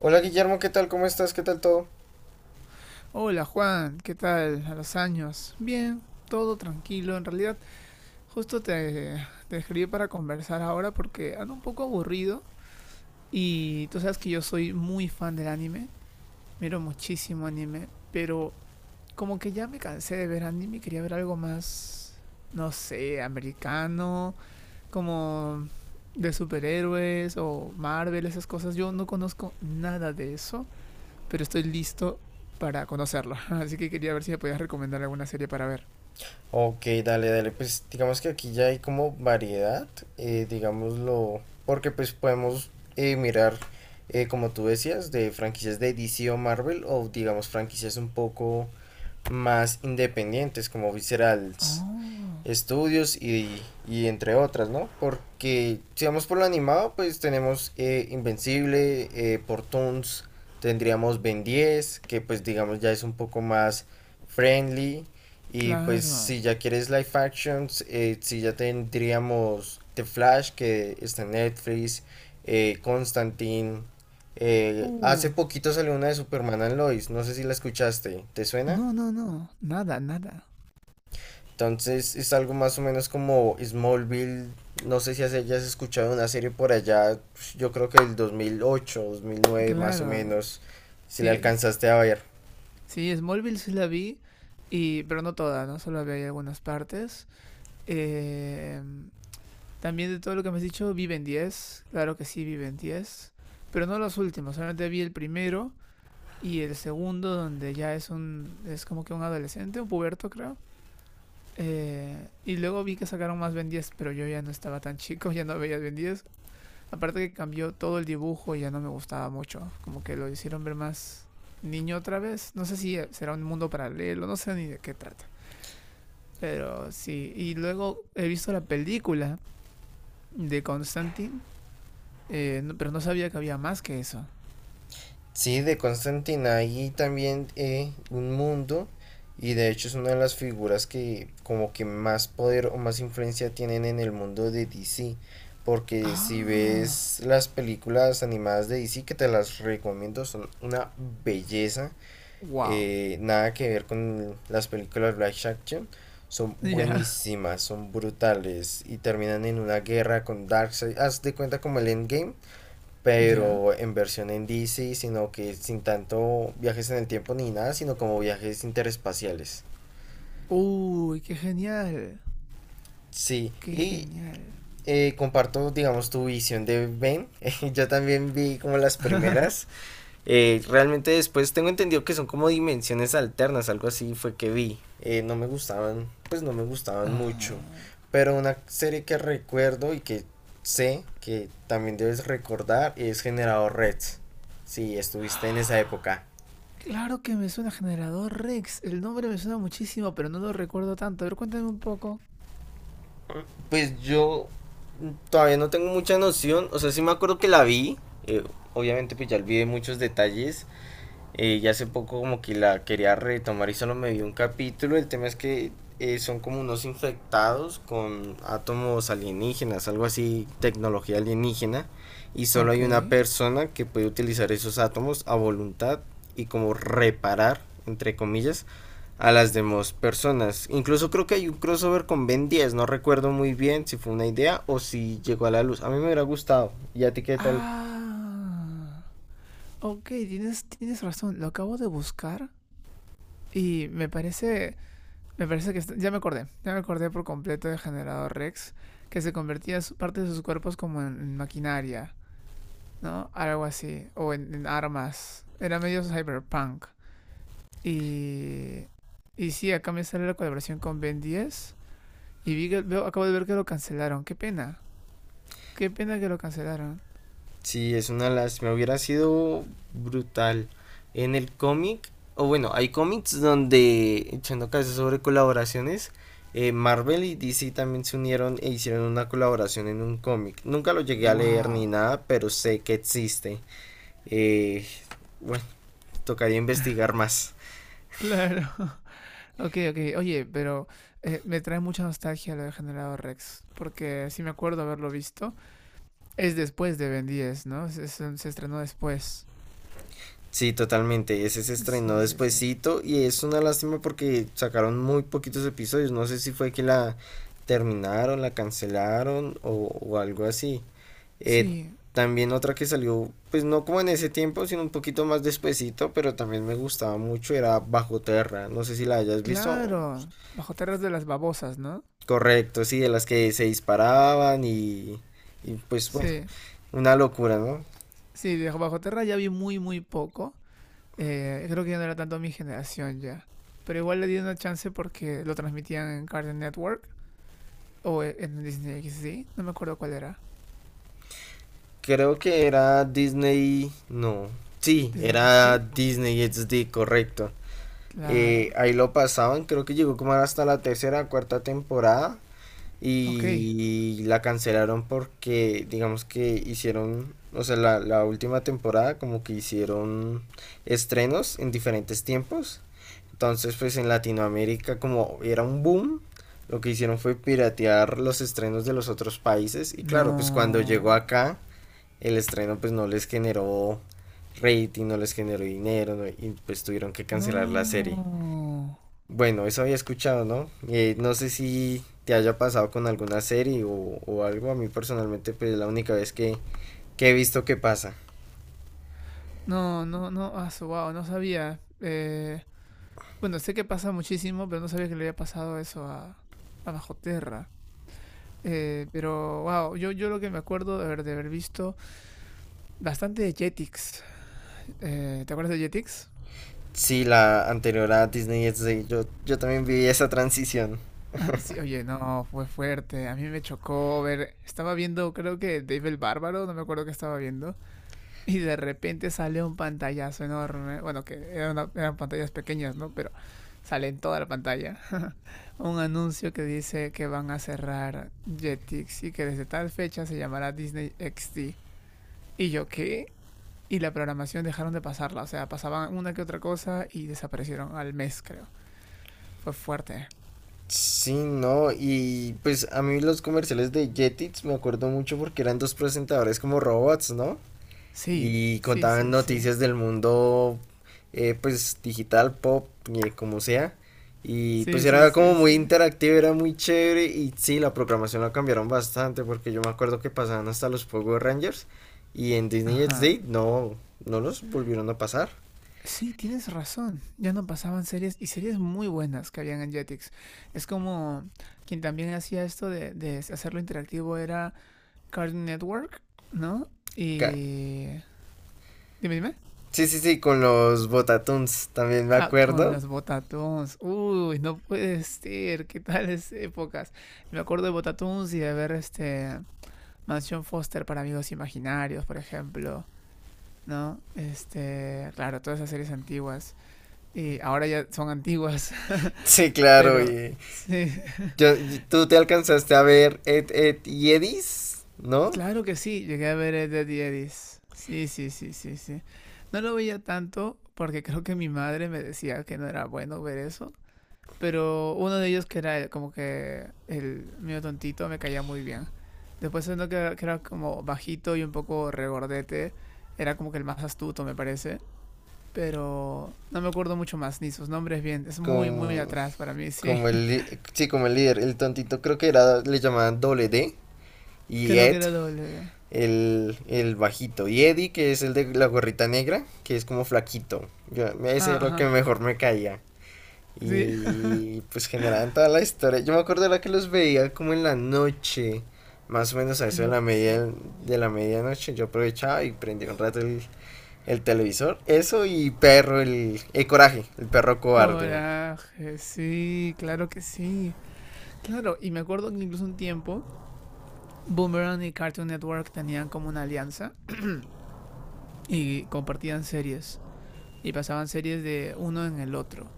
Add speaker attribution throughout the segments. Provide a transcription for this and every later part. Speaker 1: Hola Guillermo, ¿qué tal? ¿Cómo estás? ¿Qué tal todo?
Speaker 2: Hola Juan, ¿qué tal? A los años. Bien, todo tranquilo. En realidad, justo te, te escribí para conversar ahora porque ando un poco aburrido y tú sabes que yo soy muy fan del anime, miro muchísimo anime, pero como que ya me cansé de ver anime, quería ver algo más, no sé, americano, como de superhéroes o Marvel, esas cosas. Yo no conozco nada de eso pero estoy listo para conocerlo. Así que quería ver si me podías recomendar alguna serie para ver.
Speaker 1: Ok, dale, dale. Pues digamos que aquí ya hay como variedad, digámoslo, porque pues podemos mirar, como tú decías, de franquicias de DC o Marvel o digamos franquicias un poco más independientes como Viscerals
Speaker 2: Oh,
Speaker 1: estudios y entre otras, ¿no? Porque si vamos por lo animado, pues tenemos Invencible, por Toons, tendríamos Ben 10 que pues digamos ya es un poco más friendly. Y pues
Speaker 2: claro.
Speaker 1: si ya quieres live actions, si ya tendríamos The Flash, que está en Netflix, Constantine. eh,
Speaker 2: Uh,
Speaker 1: hace poquito salió una de Superman and Lois, no sé si la escuchaste, ¿te suena?
Speaker 2: no, no, no. Nada, nada.
Speaker 1: Entonces es algo más o menos como Smallville. No sé si hayas escuchado una serie por allá, pues, yo creo que el 2008, 2009 más o
Speaker 2: Claro,
Speaker 1: menos, si la
Speaker 2: sí.
Speaker 1: alcanzaste a ver.
Speaker 2: Sí, Smallville sí la vi, y, pero no toda, ¿no? Solo vi algunas partes. Eh, También de todo lo que me has dicho, Viven 10, claro que sí, Viven 10, pero no los últimos, solamente vi el primero y el segundo, donde ya es un. Es como que un adolescente, un puberto, creo. Y luego vi que sacaron más Ben 10, pero yo ya no estaba tan chico, ya no veía Ben 10. Aparte que cambió todo el dibujo y ya no me gustaba mucho. Como que lo hicieron ver más niño otra vez. No sé si será un mundo paralelo, no sé ni de qué trata. Pero sí, y luego he visto la película de Constantine, pero no sabía que había más que eso.
Speaker 1: Sí, de Constantine ahí también un mundo, y de hecho es una de las figuras que como que más poder o más influencia tienen en el mundo de DC. Porque si
Speaker 2: Ah,
Speaker 1: ves las películas animadas de DC, que te las recomiendo, son una belleza,
Speaker 2: wow.
Speaker 1: nada que ver con las películas live action, son
Speaker 2: Ya,
Speaker 1: buenísimas, son brutales y terminan en una guerra con Darkseid. Haz de cuenta como el Endgame,
Speaker 2: ya.
Speaker 1: pero en versión en DC, sino que sin tanto viajes en el tiempo ni nada, sino como viajes interespaciales.
Speaker 2: Uy, qué genial.
Speaker 1: Sí,
Speaker 2: Qué
Speaker 1: y
Speaker 2: genial.
Speaker 1: comparto, digamos, tu visión de Ben. Yo también vi como las primeras. Realmente después tengo entendido que son como dimensiones alternas, algo así fue que vi. No me gustaban, pues no me gustaban mucho.
Speaker 2: Ah.
Speaker 1: Pero una serie que recuerdo y que sé que también debes recordar es Generador Red. Si estuviste en esa época.
Speaker 2: Claro que me suena Generador Rex. El nombre me suena muchísimo, pero no lo recuerdo tanto. A ver, cuéntame un poco.
Speaker 1: Pues yo todavía no tengo mucha noción. O sea, sí me acuerdo que la vi. eh, obviamente pues ya olvidé muchos detalles. Y hace poco como que la quería retomar y solo me vi un capítulo. El tema es que son como unos infectados con átomos alienígenas, algo así, tecnología alienígena. Y solo
Speaker 2: Ok.
Speaker 1: hay una persona que puede utilizar esos átomos a voluntad y como reparar, entre comillas, a las demás personas. Incluso creo que hay un crossover con Ben 10, no recuerdo muy bien si fue una idea o si llegó a la luz. A mí me hubiera gustado. ¿Y a ti qué tal?
Speaker 2: Ah. Ok, tienes razón. Lo acabo de buscar y me parece. Me parece que ya me acordé. Ya me acordé por completo de Generador Rex, que se convertía parte de sus cuerpos como en maquinaria, ¿no? Algo así. O en armas. Era medio cyberpunk. Y. Y sí, acá me sale la colaboración con Ben 10. Y vi que, veo, acabo de ver que lo cancelaron. Qué pena. Qué pena que lo cancelaron.
Speaker 1: Sí, es una lástima, hubiera sido brutal. En el cómic, o bueno, hay cómics donde, echando caso sobre colaboraciones, Marvel y DC también se unieron e hicieron una colaboración en un cómic. Nunca lo llegué a leer ni
Speaker 2: Wow.
Speaker 1: nada, pero sé que existe. Eh, bueno, tocaría investigar más.
Speaker 2: Claro. Ok, ok. Oye, pero me trae mucha nostalgia lo de Generador Rex. Porque sí me acuerdo haberlo visto. Es después de Ben 10, ¿no? Se estrenó después.
Speaker 1: Sí, totalmente. Ese se estrenó
Speaker 2: Sí, sí, sí.
Speaker 1: despuesito y es una lástima porque sacaron muy poquitos episodios. No sé si fue que la terminaron, la cancelaron o algo así. Eh,
Speaker 2: Sí,
Speaker 1: también otra que salió, pues no como en ese tiempo, sino un poquito más despuesito, pero también me gustaba mucho, era Bajo Terra. No sé si la hayas visto.
Speaker 2: claro. Bajo Tierras de las Babosas, ¿no?
Speaker 1: Correcto, sí, de las que se disparaban y pues bueno,
Speaker 2: Sí.
Speaker 1: una locura, ¿no?
Speaker 2: Sí, de Bajo Tierra ya vi muy, muy poco. Creo que ya no era tanto mi generación ya. Pero igual le di una chance porque lo transmitían en Cartoon Network o en Disney XD. No me acuerdo cuál era.
Speaker 1: Creo que era Disney, no. Sí,
Speaker 2: ¿Disney
Speaker 1: era
Speaker 2: XD?
Speaker 1: Disney XD, correcto.
Speaker 2: Claro.
Speaker 1: Ahí lo pasaban, creo que llegó como hasta la tercera, cuarta temporada
Speaker 2: Ok.
Speaker 1: y la cancelaron porque digamos que hicieron, o sea, la última temporada como que hicieron estrenos en diferentes tiempos. Entonces, pues en Latinoamérica como era un boom, lo que hicieron fue piratear los estrenos de los otros países y claro, pues cuando llegó
Speaker 2: No.
Speaker 1: acá el estreno pues no les generó rating, no les generó dinero, ¿no? Y pues tuvieron que cancelar la serie.
Speaker 2: No.
Speaker 1: Bueno, eso había escuchado, ¿no? No sé si te haya pasado con alguna serie o algo. A mí personalmente pues es la única vez que he visto que pasa.
Speaker 2: No, no, no. Ah, wow, no sabía. Bueno, sé que pasa muchísimo, pero no sabía que le había pasado eso a Bajo Tierra. Pero, wow, yo lo que me acuerdo de haber visto bastante de Jetix. ¿Te acuerdas de Jetix?
Speaker 1: Sí, la anterior a Disney XD, yo también viví esa transición.
Speaker 2: Sí, oye, no, fue fuerte. A mí me chocó ver. Estaba viendo, creo que Dave el Bárbaro, no me acuerdo qué estaba viendo. Y de repente sale un pantallazo enorme. Bueno, que eran pantallas pequeñas, ¿no? Pero sale en toda la pantalla. Un anuncio que dice que van a cerrar Jetix y que desde tal fecha se llamará Disney XD. ¿Y yo qué? Y la programación dejaron de pasarla. O sea, pasaban una que otra cosa y desaparecieron al mes, creo. Fue fuerte.
Speaker 1: Sí, no, y pues a mí los comerciales de Jetix me acuerdo mucho porque eran dos presentadores como robots, ¿no?
Speaker 2: Sí,
Speaker 1: Y
Speaker 2: sí,
Speaker 1: contaban
Speaker 2: sí, sí.
Speaker 1: noticias del mundo pues digital, pop, como sea. Y pues
Speaker 2: Sí, sí,
Speaker 1: era como
Speaker 2: sí,
Speaker 1: muy
Speaker 2: sí.
Speaker 1: interactivo, era muy chévere y sí, la programación la cambiaron bastante porque yo me acuerdo que pasaban hasta los Power Rangers y en Disney
Speaker 2: Ajá.
Speaker 1: XD no, no los volvieron a pasar.
Speaker 2: Sí, tienes razón. Ya no pasaban series y series muy buenas que habían en Jetix. Es como quien también hacía esto de hacerlo interactivo era Cartoon Network, ¿no?
Speaker 1: Ca-
Speaker 2: Y... Dime, dime.
Speaker 1: Sí, sí, sí, con los Botatoons también me
Speaker 2: Ah, con
Speaker 1: acuerdo.
Speaker 2: los Botatons. Uy, no puede ser. ¿Qué tales épocas? Y me acuerdo de Botatons y de ver este... Mansión Foster para amigos imaginarios, por ejemplo, ¿no? Este, claro, todas esas series antiguas. Y ahora ya son antiguas.
Speaker 1: Sí, claro,
Speaker 2: Pero
Speaker 1: y
Speaker 2: sí,
Speaker 1: tú te alcanzaste a ver Ed, Ed y Edis, ¿no?
Speaker 2: claro que sí, llegué a ver Ed, Ed y Eddy's. Sí, sí, sí, sí, sí. No lo veía tanto porque creo que mi madre me decía que no era bueno ver eso. Pero uno de ellos que era como que el mío tontito me caía muy bien. Después uno que era como bajito y un poco regordete. Era como que el más astuto, me parece. Pero no me acuerdo mucho más ni sus nombres bien. Es muy, muy
Speaker 1: Con...
Speaker 2: atrás para mí, sí.
Speaker 1: Como sí, como el líder, el tontito creo que era, le llamaban doble D, y
Speaker 2: Creo
Speaker 1: Ed,
Speaker 2: que era doble.
Speaker 1: el bajito, y Eddie, que es el de la gorrita negra, que es como flaquito, yo, ese
Speaker 2: Ah,
Speaker 1: era lo que
Speaker 2: ajá.
Speaker 1: mejor me caía,
Speaker 2: Sí,
Speaker 1: y pues generaban toda la historia, yo me acuerdo era que los veía como en la noche, más o menos a eso
Speaker 2: creo que sí.
Speaker 1: de la medianoche, yo aprovechaba y prendía un rato el televisor, eso y el coraje, el perro cobarde.
Speaker 2: Coraje, sí, claro que sí. Claro, y me acuerdo que incluso un tiempo Boomerang y Cartoon Network tenían como una alianza y compartían series y pasaban series de uno en el otro.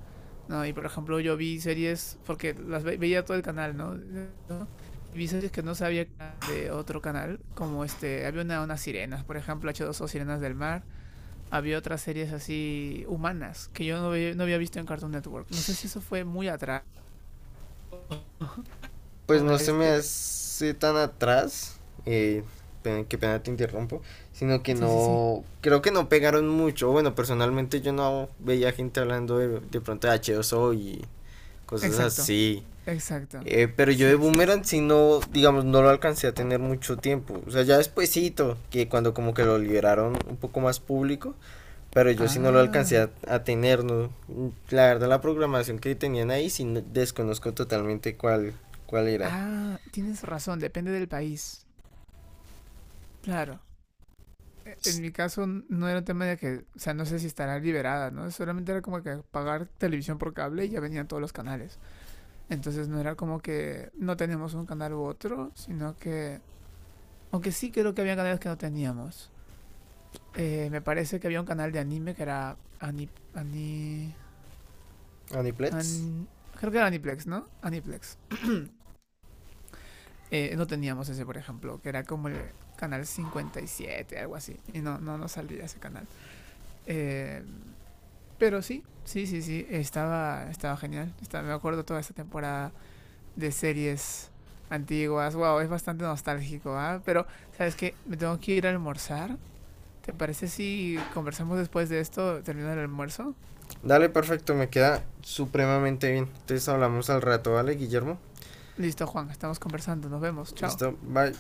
Speaker 2: ¿No? Y por ejemplo, yo vi series, porque las veía todo el canal, ¿no? ¿No? Y vi series que no sabía que eran de otro canal, como este, había unas sirenas, por ejemplo, h dos o Sirenas del Mar, había otras series así humanas que yo no, no había visto en Cartoon Network. No sé si eso fue muy atrás.
Speaker 1: Pues no se me
Speaker 2: Este...
Speaker 1: hace tan atrás, eh, qué pena te interrumpo, sino que
Speaker 2: Sí, sí, sí.
Speaker 1: no, creo que no pegaron mucho, bueno, personalmente yo no veía gente hablando de pronto de H2O y cosas
Speaker 2: Exacto.
Speaker 1: así,
Speaker 2: Exacto.
Speaker 1: pero yo de
Speaker 2: Sí, sí,
Speaker 1: Boomerang
Speaker 2: sí.
Speaker 1: sí no, digamos, no lo alcancé a tener mucho tiempo, o sea, ya despuesito, que cuando como que lo liberaron un poco más público, pero yo sí no lo alcancé
Speaker 2: Ah.
Speaker 1: a tener, ¿no? La verdad la programación que tenían ahí desconozco totalmente cuál era.
Speaker 2: Ah, tienes razón, depende del país. Claro. En mi caso no era un tema de que, o sea, no sé si estará liberada, ¿no? Solamente era como que pagar televisión por cable y ya venían todos los canales. Entonces no era como que no teníamos un canal u otro, sino que... Aunque sí creo que había canales que no teníamos. Me parece que había un canal de anime que era
Speaker 1: Adiplets.
Speaker 2: Creo que era Aniplex, ¿no? Aniplex. No teníamos ese, por ejemplo, que era como el canal 57, algo así. Y no, no, no salía ese canal. Eh, pero sí, sí, sí, sí, estaba, estaba genial. Me acuerdo toda esta temporada de series antiguas. Wow, es bastante nostálgico, ¿ah? ¿Eh? Pero, ¿sabes qué? Me tengo que ir a almorzar. ¿Te parece si conversamos después de esto, terminando el almuerzo?
Speaker 1: Dale, perfecto, me queda supremamente bien. Entonces hablamos al rato, ¿vale, Guillermo?
Speaker 2: Listo, Juan, estamos conversando. Nos vemos. Chao.
Speaker 1: Listo, bye.